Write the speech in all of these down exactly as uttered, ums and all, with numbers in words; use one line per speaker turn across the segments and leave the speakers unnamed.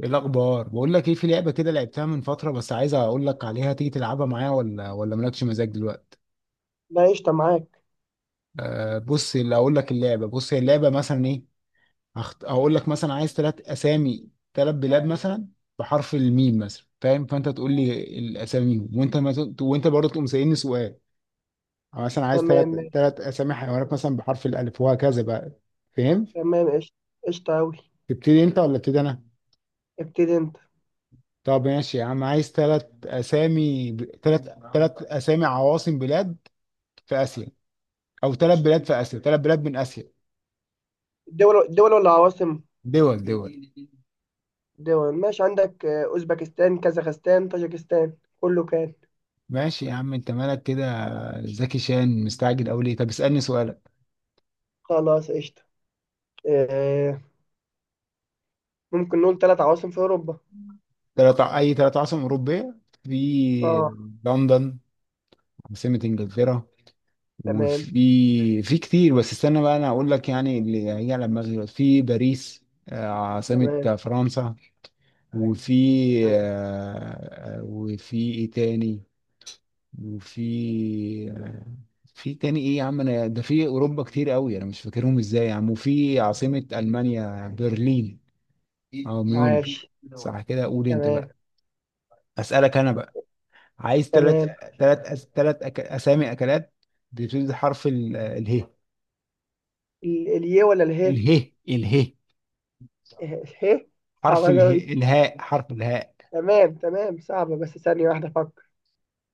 ايه الاخبار؟ بقول لك ايه، في لعبه كده لعبتها من فتره بس عايز اقول لك عليها. تيجي تلعبها معايا ولا ولا مالكش مزاج دلوقتي؟
لا، قشطة معاك.
آه، بص اللي اقول لك، اللعبه بص هي اللعبه مثلا ايه، هخت... هقول لك مثلا عايز ثلاث اسامي ثلاث بلاد مثلا بحرف الميم مثلا، فاهم؟ فانت تقول لي الاسامي، وانت ما ت... وانت برضه تقوم سالني سؤال. أو مثلا عايز ثلاث
تمام، ماشي.
ثلاث اسامي حيوانات مثلا بحرف الالف وهكذا بقى. فاهم؟
تمام، قشطة. قشطة أوي.
تبتدي انت ولا ابتدي انا؟
ابتدي أنت.
طب ماشي يا عم، عايز ثلاث اسامي ب... ثلاث ثلاث اسامي عواصم بلاد في اسيا، او ثلاث بلاد في اسيا، ثلاث بلاد من اسيا.
الدول الدول ولا عواصم؟
دول دول.
دول، ماشي. عندك آه، أوزبكستان، كازاخستان، طاجكستان، كله كان.
ماشي يا عم انت مالك كده؟ زكي شان مستعجل او ليه؟ طب اسالني سؤالك.
خلاص، قشطة. آه، ممكن نقول ثلاث عواصم في أوروبا؟
تلات ع- اي ثلاث عاصمة اوروبية. في
اه.
لندن عاصمة انجلترا،
تمام.
وفي في كتير بس استنى بقى انا اقول لك يعني اللي هي على دماغي دلوقتي. في باريس، آه، عاصمة
تمام.
فرنسا، وفي آه،
تمام.
آه، وفي ايه تاني، وفي في تاني ايه يا عم؟ انا ده في اوروبا كتير قوي، انا مش فاكرهم ازاي يا عم. وفي عاصمة المانيا برلين او ميونخ.
عاش.
صح كده؟ قول انت
تمام.
بقى. اسالك انا بقى، عايز ثلاث
تمام.
ثلاث ثلاث أك... اسامي اكلات بتبتدي بحرف ال... اله.
ال- اليه ولا اله؟
اله اله.
إه، اله.
حرف
صعبة أوي دي.
اله، الهاء، حرف الهاء.
تمام، تمام، صعبة بس ثانية واحدة أفكر.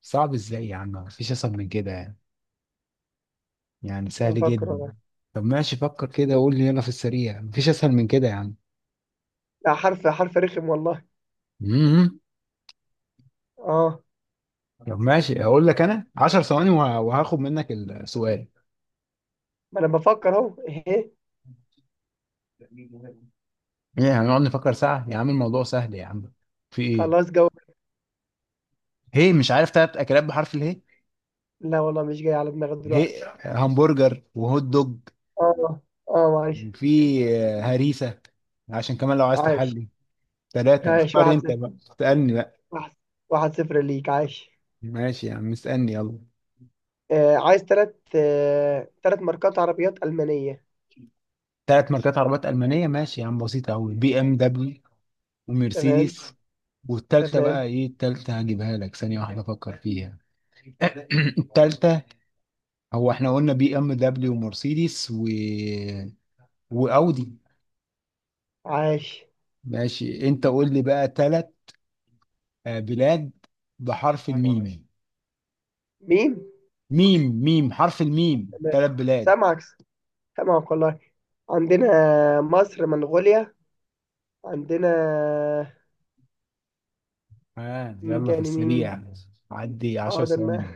صعب ازاي يا عم؟ مفيش اسهل من كده يعني يعني سهل
أفكر
جدا.
والله.
طب ماشي، فكر كده وقول لي يلا في السريع، مفيش اسهل من كده يا عم.
لا، حرف حرف رخم والله. اه.
طب ماشي اقول لك انا 10 ثواني وه- وهاخد منك السؤال.
ما أنا بفكر أهو، ايه؟
ايه، هنقعد نفكر ساعة يا عم؟ الموضوع سهل يا عم. في ايه،
خلاص جو.
هي مش عارف تلات اكلات بحرف اله؟
لا والله مش جاي على دماغي
هي
دلوقتي.
همبرجر وهوت دوج،
اه. اه، معلش.
في آه، هريسة، عشان كمان لو عايز
عايش.
تحلي ثلاثة.
عايش،
اختار
واحد
انت
صفر
بقى، اسألني بقى.
واحد. واحد صفر ليك، عايش.
ماشي يا عم اسألني يلا.
آه عايز تلات آه تلات ماركات عربيات ألمانية.
ثلاث ماركات عربيات ألمانية؟ ماشي يا عم، بسيطة أوي، بي ام دبليو
تمام.
ومرسيدس، والتالتة بقى
تمام.
ايه؟ التالتة هجيبها لك، ثانية واحدة افكر فيها. التالتة، هو احنا قلنا بي ام دبليو ومرسيدس و واودي.
عايش.
ماشي انت قول لي بقى ثلاث بلاد بحرف، ايوه يا باشا، الميم.
مين؟
ميم ميم، حرف الميم،
تمام،
ثلاث بلاد.
سامعك. سامعك والله. عندنا مصر، منغوليا. عندنا.
ها
مين
يلا في
تاني، مين؟
السريع، عدي 10
حاضر، ما
ثواني.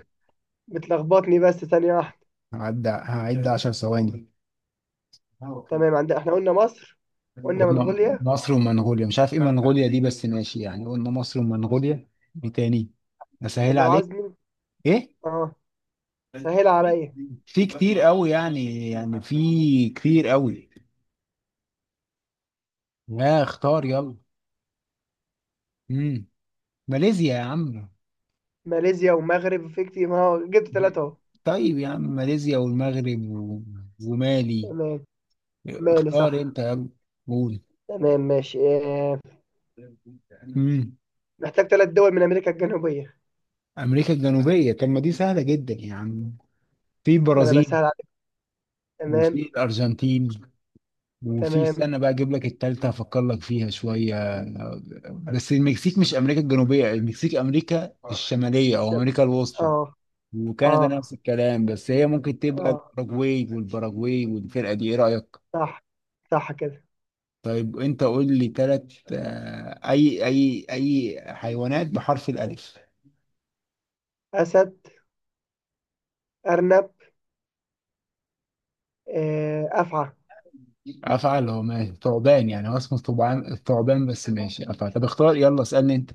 بتلخبطني بس ثانية واحدة.
هعد هعد 10 ثواني.
تمام، عندنا، احنا قلنا مصر. قلنا
قلنا
منغوليا.
مصر ومنغوليا، مش عارف ايه منغوليا دي بس ماشي يعني، قلنا مصر ومنغوليا. ايه تاني؟ اسهل
لو عاوز،
عليك
مين؟
ايه؟
اه، سهل عليا.
في كتير قوي، يعني يعني في كتير قوي. لا اختار يلا. امم ماليزيا يا عم.
ماليزيا ومغرب، في كتير، ما هو جبت ثلاثة اهو.
طيب يا عم، ماليزيا والمغرب و ومالي.
تمام. مالي،
اختار
صح.
انت يلا. قول.
تمام، ماشي آه.
امم
محتاج ثلاث دول من أمريكا الجنوبية.
امريكا الجنوبيه، طب ما دي سهله جدا يا عم. في
ما أنا
البرازيل
بسهل عليك.
وفي
تمام.
الارجنتين وفي،
تمام.
استنى بقى اجيب لك التالتة افكر لك فيها شويه. بس المكسيك مش امريكا الجنوبيه، المكسيك امريكا الشماليه او
الشب.
امريكا الوسطى.
اه.
وكندا
اه.
نفس الكلام، بس هي ممكن تبقى
اه.
الاوروجواي والباراجواي والفرقه دي، ايه رايك؟
صح. صح كده.
طيب انت قول لي ثلاث اي اي اي حيوانات بحرف الالف.
أسد. أرنب. آه. أفعى.
افعل اللي ماشي ثعبان، يعني هو اسمه ثعبان ثعبان بس ماشي افعل. طب اختار يلا، اسالني انت.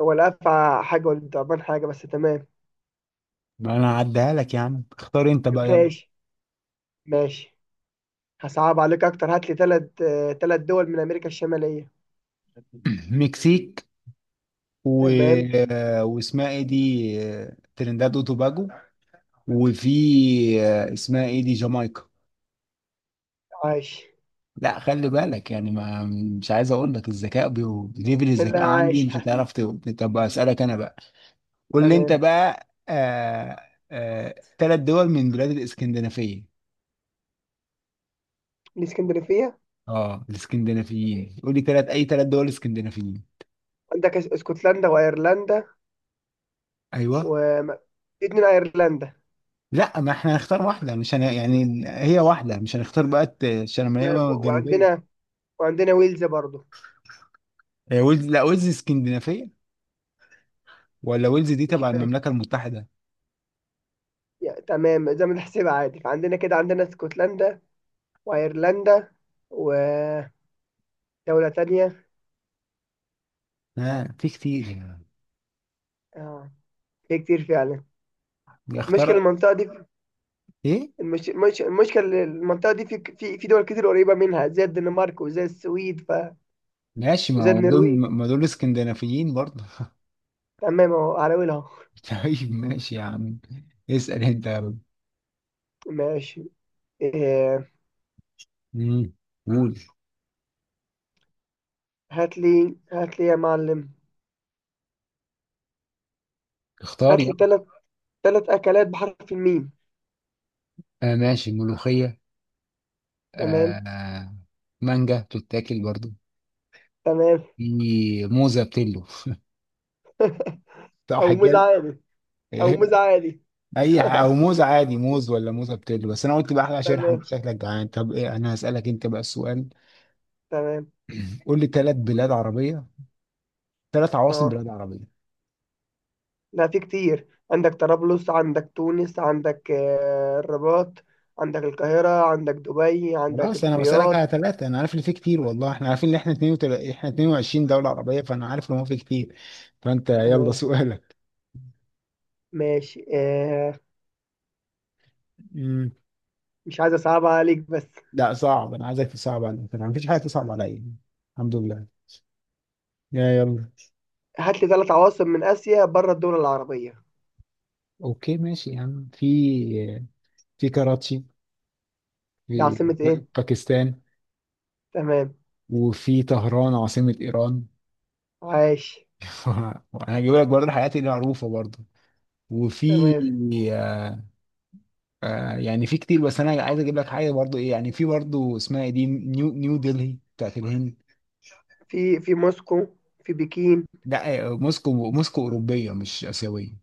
هو الأفعى حاجة والضبان حاجة، بس تمام.
ما انا هعديها لك يا عم، اختار انت بقى يلا.
ماشي. ماشي. هصعب عليك أكتر، هات لي ثلاث. ثلاث دول من أمريكا الشمالية.
مكسيك و
تمام.
آه، واسمها ايه دي، آه، ترينداد وتوباجو. وفي آه، اسمها ايه دي، جامايكا.
عايش.
لا خلي بالك يعني، ما مش عايز اقول لك، الذكاء بيو... ليفل الذكاء
لا،
عندي
عايش.
مش هتعرف ت- طب اسالك انا بقى، قول لي انت
تمام.
بقى. آه آه ثلاث دول من بلاد الاسكندنافيه.
الإسكندرية.
اه الاسكندنافيين، قول لي ثلاث اي ثلاث دول اسكندنافيين.
عندك اس- اسكتلندا وايرلندا. و،
ايوه.
في اتنين ايرلندا.
لا ما احنا هنختار واحده، مش هن... يعني هي واحده، مش هنختار بقى الت- الشماليه
تمام،
ولا الجنوبيه.
وعندنا. وعندنا ويلز برضو.
هي ويلز، لا ويلز اسكندنافيه ولا ويلز دي
مش
تبع
فاكر.
المملكه المتحده؟
يا تمام، زي ما تحسبها عادي، فعندنا كده عندنا اسكتلندا. وايرلندا. ودولة تانية.
ها في كتير.
اه، في كتير فعلا. المشكلة
اختار.
المنطقة دي.
ايه؟
المش... المش... المشكلة المنطقة دي، في في في دول كتير قريبة منها زي الدنمارك وزي السويد ف...
ماشي، ما
وزي
هو دول.
النرويج.
ما دول اسكندنافيين برضه.
تمام، اهو على ويلها.
طيب ماشي يا عم، اسال انت يا رب.
ماشي. إيه...
مم. قول.
هات لي هات لي يا معلم.
اختار
هات لي
يعني.
ثلاث ثلاث أكلات بحرف الميم.
آه ماشي، ملوخية،
تمام.
آه، مانجا بتتاكل برضو.
تمام.
في موزة بتلو. صح
أو موز
كده؟
عادي. أو
إيه،
موز عادي.
اي ح- او موز عادي، موز ولا موزة بتلو؟ بس انا قلت بقى احلى شرح،
تمام.
انت شكلك جعان. طب ايه، انا هسألك انت بقى السؤال.
تمام.
قول لي ثلاث بلاد عربية، ثلاث عواصم
أه.
بلاد عربية.
لا، في كتير، عندك طرابلس، عندك تونس، عندك آه، الرباط. عندك القاهرة، عندك دبي، عندك
خلاص انا بسألك
الرياض.
على ثلاثة، انا عارف اللي فيه كتير، والله احنا عارفين ان احنا اتنين وعشرين، احنا اتنين وعشرين دولة عربية، فانا عارف ان هو فيه كتير، فانت يلا
تمام،
سؤالك.
ماشي آه.
مم.
مش عايز أصعب عليك بس.
لا صعب، انا عايزك تصعب عليا، ما فيش حاجة تصعب عليا، الحمد لله، يا يلا.
هات لي ثلاث عواصم من آسيا بره الدول العربية.
اوكي ماشي يا عم، في في كراتشي
دي
في
عاصمة إيه؟
باكستان.
تمام.
وفي طهران عاصمة ايران.
عايش.
وانا هجيب لك برضه الحاجات اللي معروفة برضه. وفي
تمام.
آه، آه، يعني في كتير بس انا عايز اجيب لك حاجة برضه. ايه يعني، في برضه اسمها ايه دي، نيو نيو دلهي بتاعت الهند.
في في موسكو. في بكين.
لا آه، موسكو، موسكو اوروبية مش اسيوية.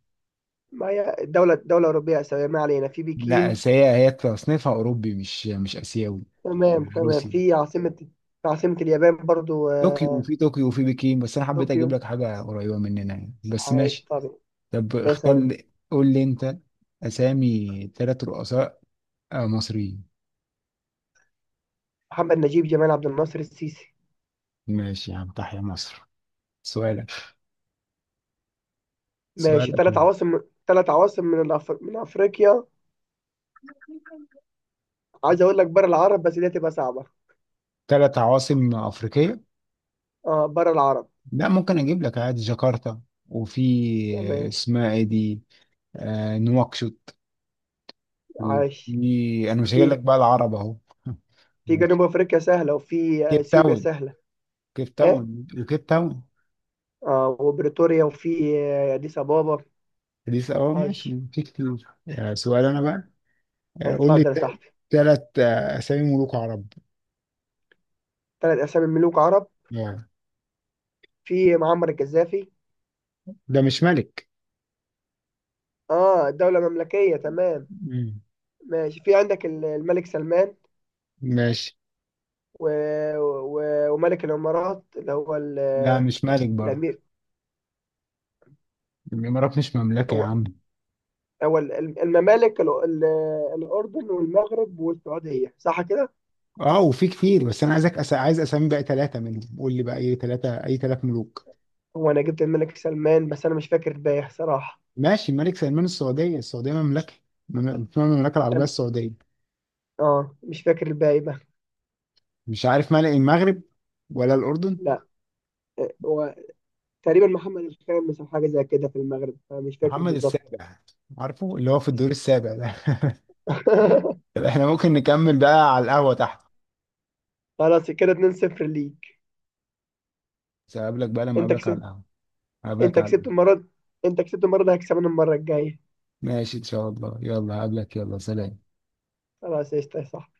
ما هي دولة دولة أوروبية آسيوية، ما علينا، في
لا
بكين.
بس هي هي تصنيفها اوروبي مش مش اسيوي.
تمام، تمام.
روسي.
في عاصمة. في عاصمة اليابان برضو،
طوكيو،
آه،
وفي طوكيو وفي بكين، بس انا حبيت
طوكيو.
اجيب لك حاجه قريبه مننا يعني بس
عايش
ماشي.
طبعا.
طب
يا
اختار
سلام.
لي، قول لي انت. اسامي ثلاث رؤساء آه، مصريين.
محمد نجيب، جمال عبد الناصر، السيسي.
ماشي يا عم، تحيا مصر. سؤالك.
ماشي،
سؤالك
ثلاث
يعني.
عواصم ثلاث عواصم من الأف... من أفريقيا. عايز أقول لك بره العرب بس دي هتبقى صعبة.
ثلاث عواصم افريقيه؟
اه، بره العرب.
لا ممكن اجيب لك عادي جاكرتا، وفي آه،
تمام.
اسمها ايه دي، آه، نواكشوط.
عايش.
وفي، انا مش هجيب لك
في
بقى العرب اهو.
في
وفي
جنوب أفريقيا سهلة، وفي
كيب
أثيوبيا
تاون،
سهلة.
كيب
ايه؟
تاون وكيب تاون.
اه، وبريتوريا، وفي آه، أديس أبابا.
دي س- اه ماشي،
عايش.
في كتير. آه، سؤال انا بقى. آه، قول لي
اتفضل يا صاحبي.
ثلاث اسامي ملوك عرب.
ثلاث أسامي ملوك عرب.
آه،
في معمر القذافي.
ده مش ملك.
اه، دولة مملكية، تمام.
مم.
ماشي، في عندك ال- الملك سلمان
ماشي.
و... و... وملك الإمارات اللي هو ال...
لا مش مالك برضه،
الأمير.
الامارات مش مملكه يا
هو
عم.
هو ال- الممالك ال... ال... الأردن والمغرب والسعودية، صح كده؟
اه وفي كتير بس انا عايزك أس... عايز اسامي بقى ثلاثه منهم. قول لي بقى اي ثلاثه اي ثلاث ملوك.
هو أنا جبت الملك سلمان بس أنا مش فاكر الباقي صراحة.
ماشي الملك سلمان، السعوديه السعوديه مملكه، مم- اسمها المملكه العربيه
أم-
السعوديه.
اه، مش فاكر الباقي بقى.
مش عارف ملك المغرب ولا الاردن.
لا، آه، هو تقريبا محمد الخامس أو حاجة زي كده في المغرب، فمش فاكر
محمد
بالظبط.
السابع، عارفه اللي هو في الدور السابع ده. طب احنا ممكن نكمل بقى على القهوه تحت،
خلاص كده اتنين صفر ليك.
بس اقابلك بقى لما
انت
اقابلك على
كسبت.
القهوه. اقابلك
انت
على
كسبت
القهوة.
المرة دي- انت كسبت المرة دي هكسبنا المرة الجاية.
ماشي إن شاء الله، يلا هقابلك، يلا سلام.
خلاص، قشطة، صح.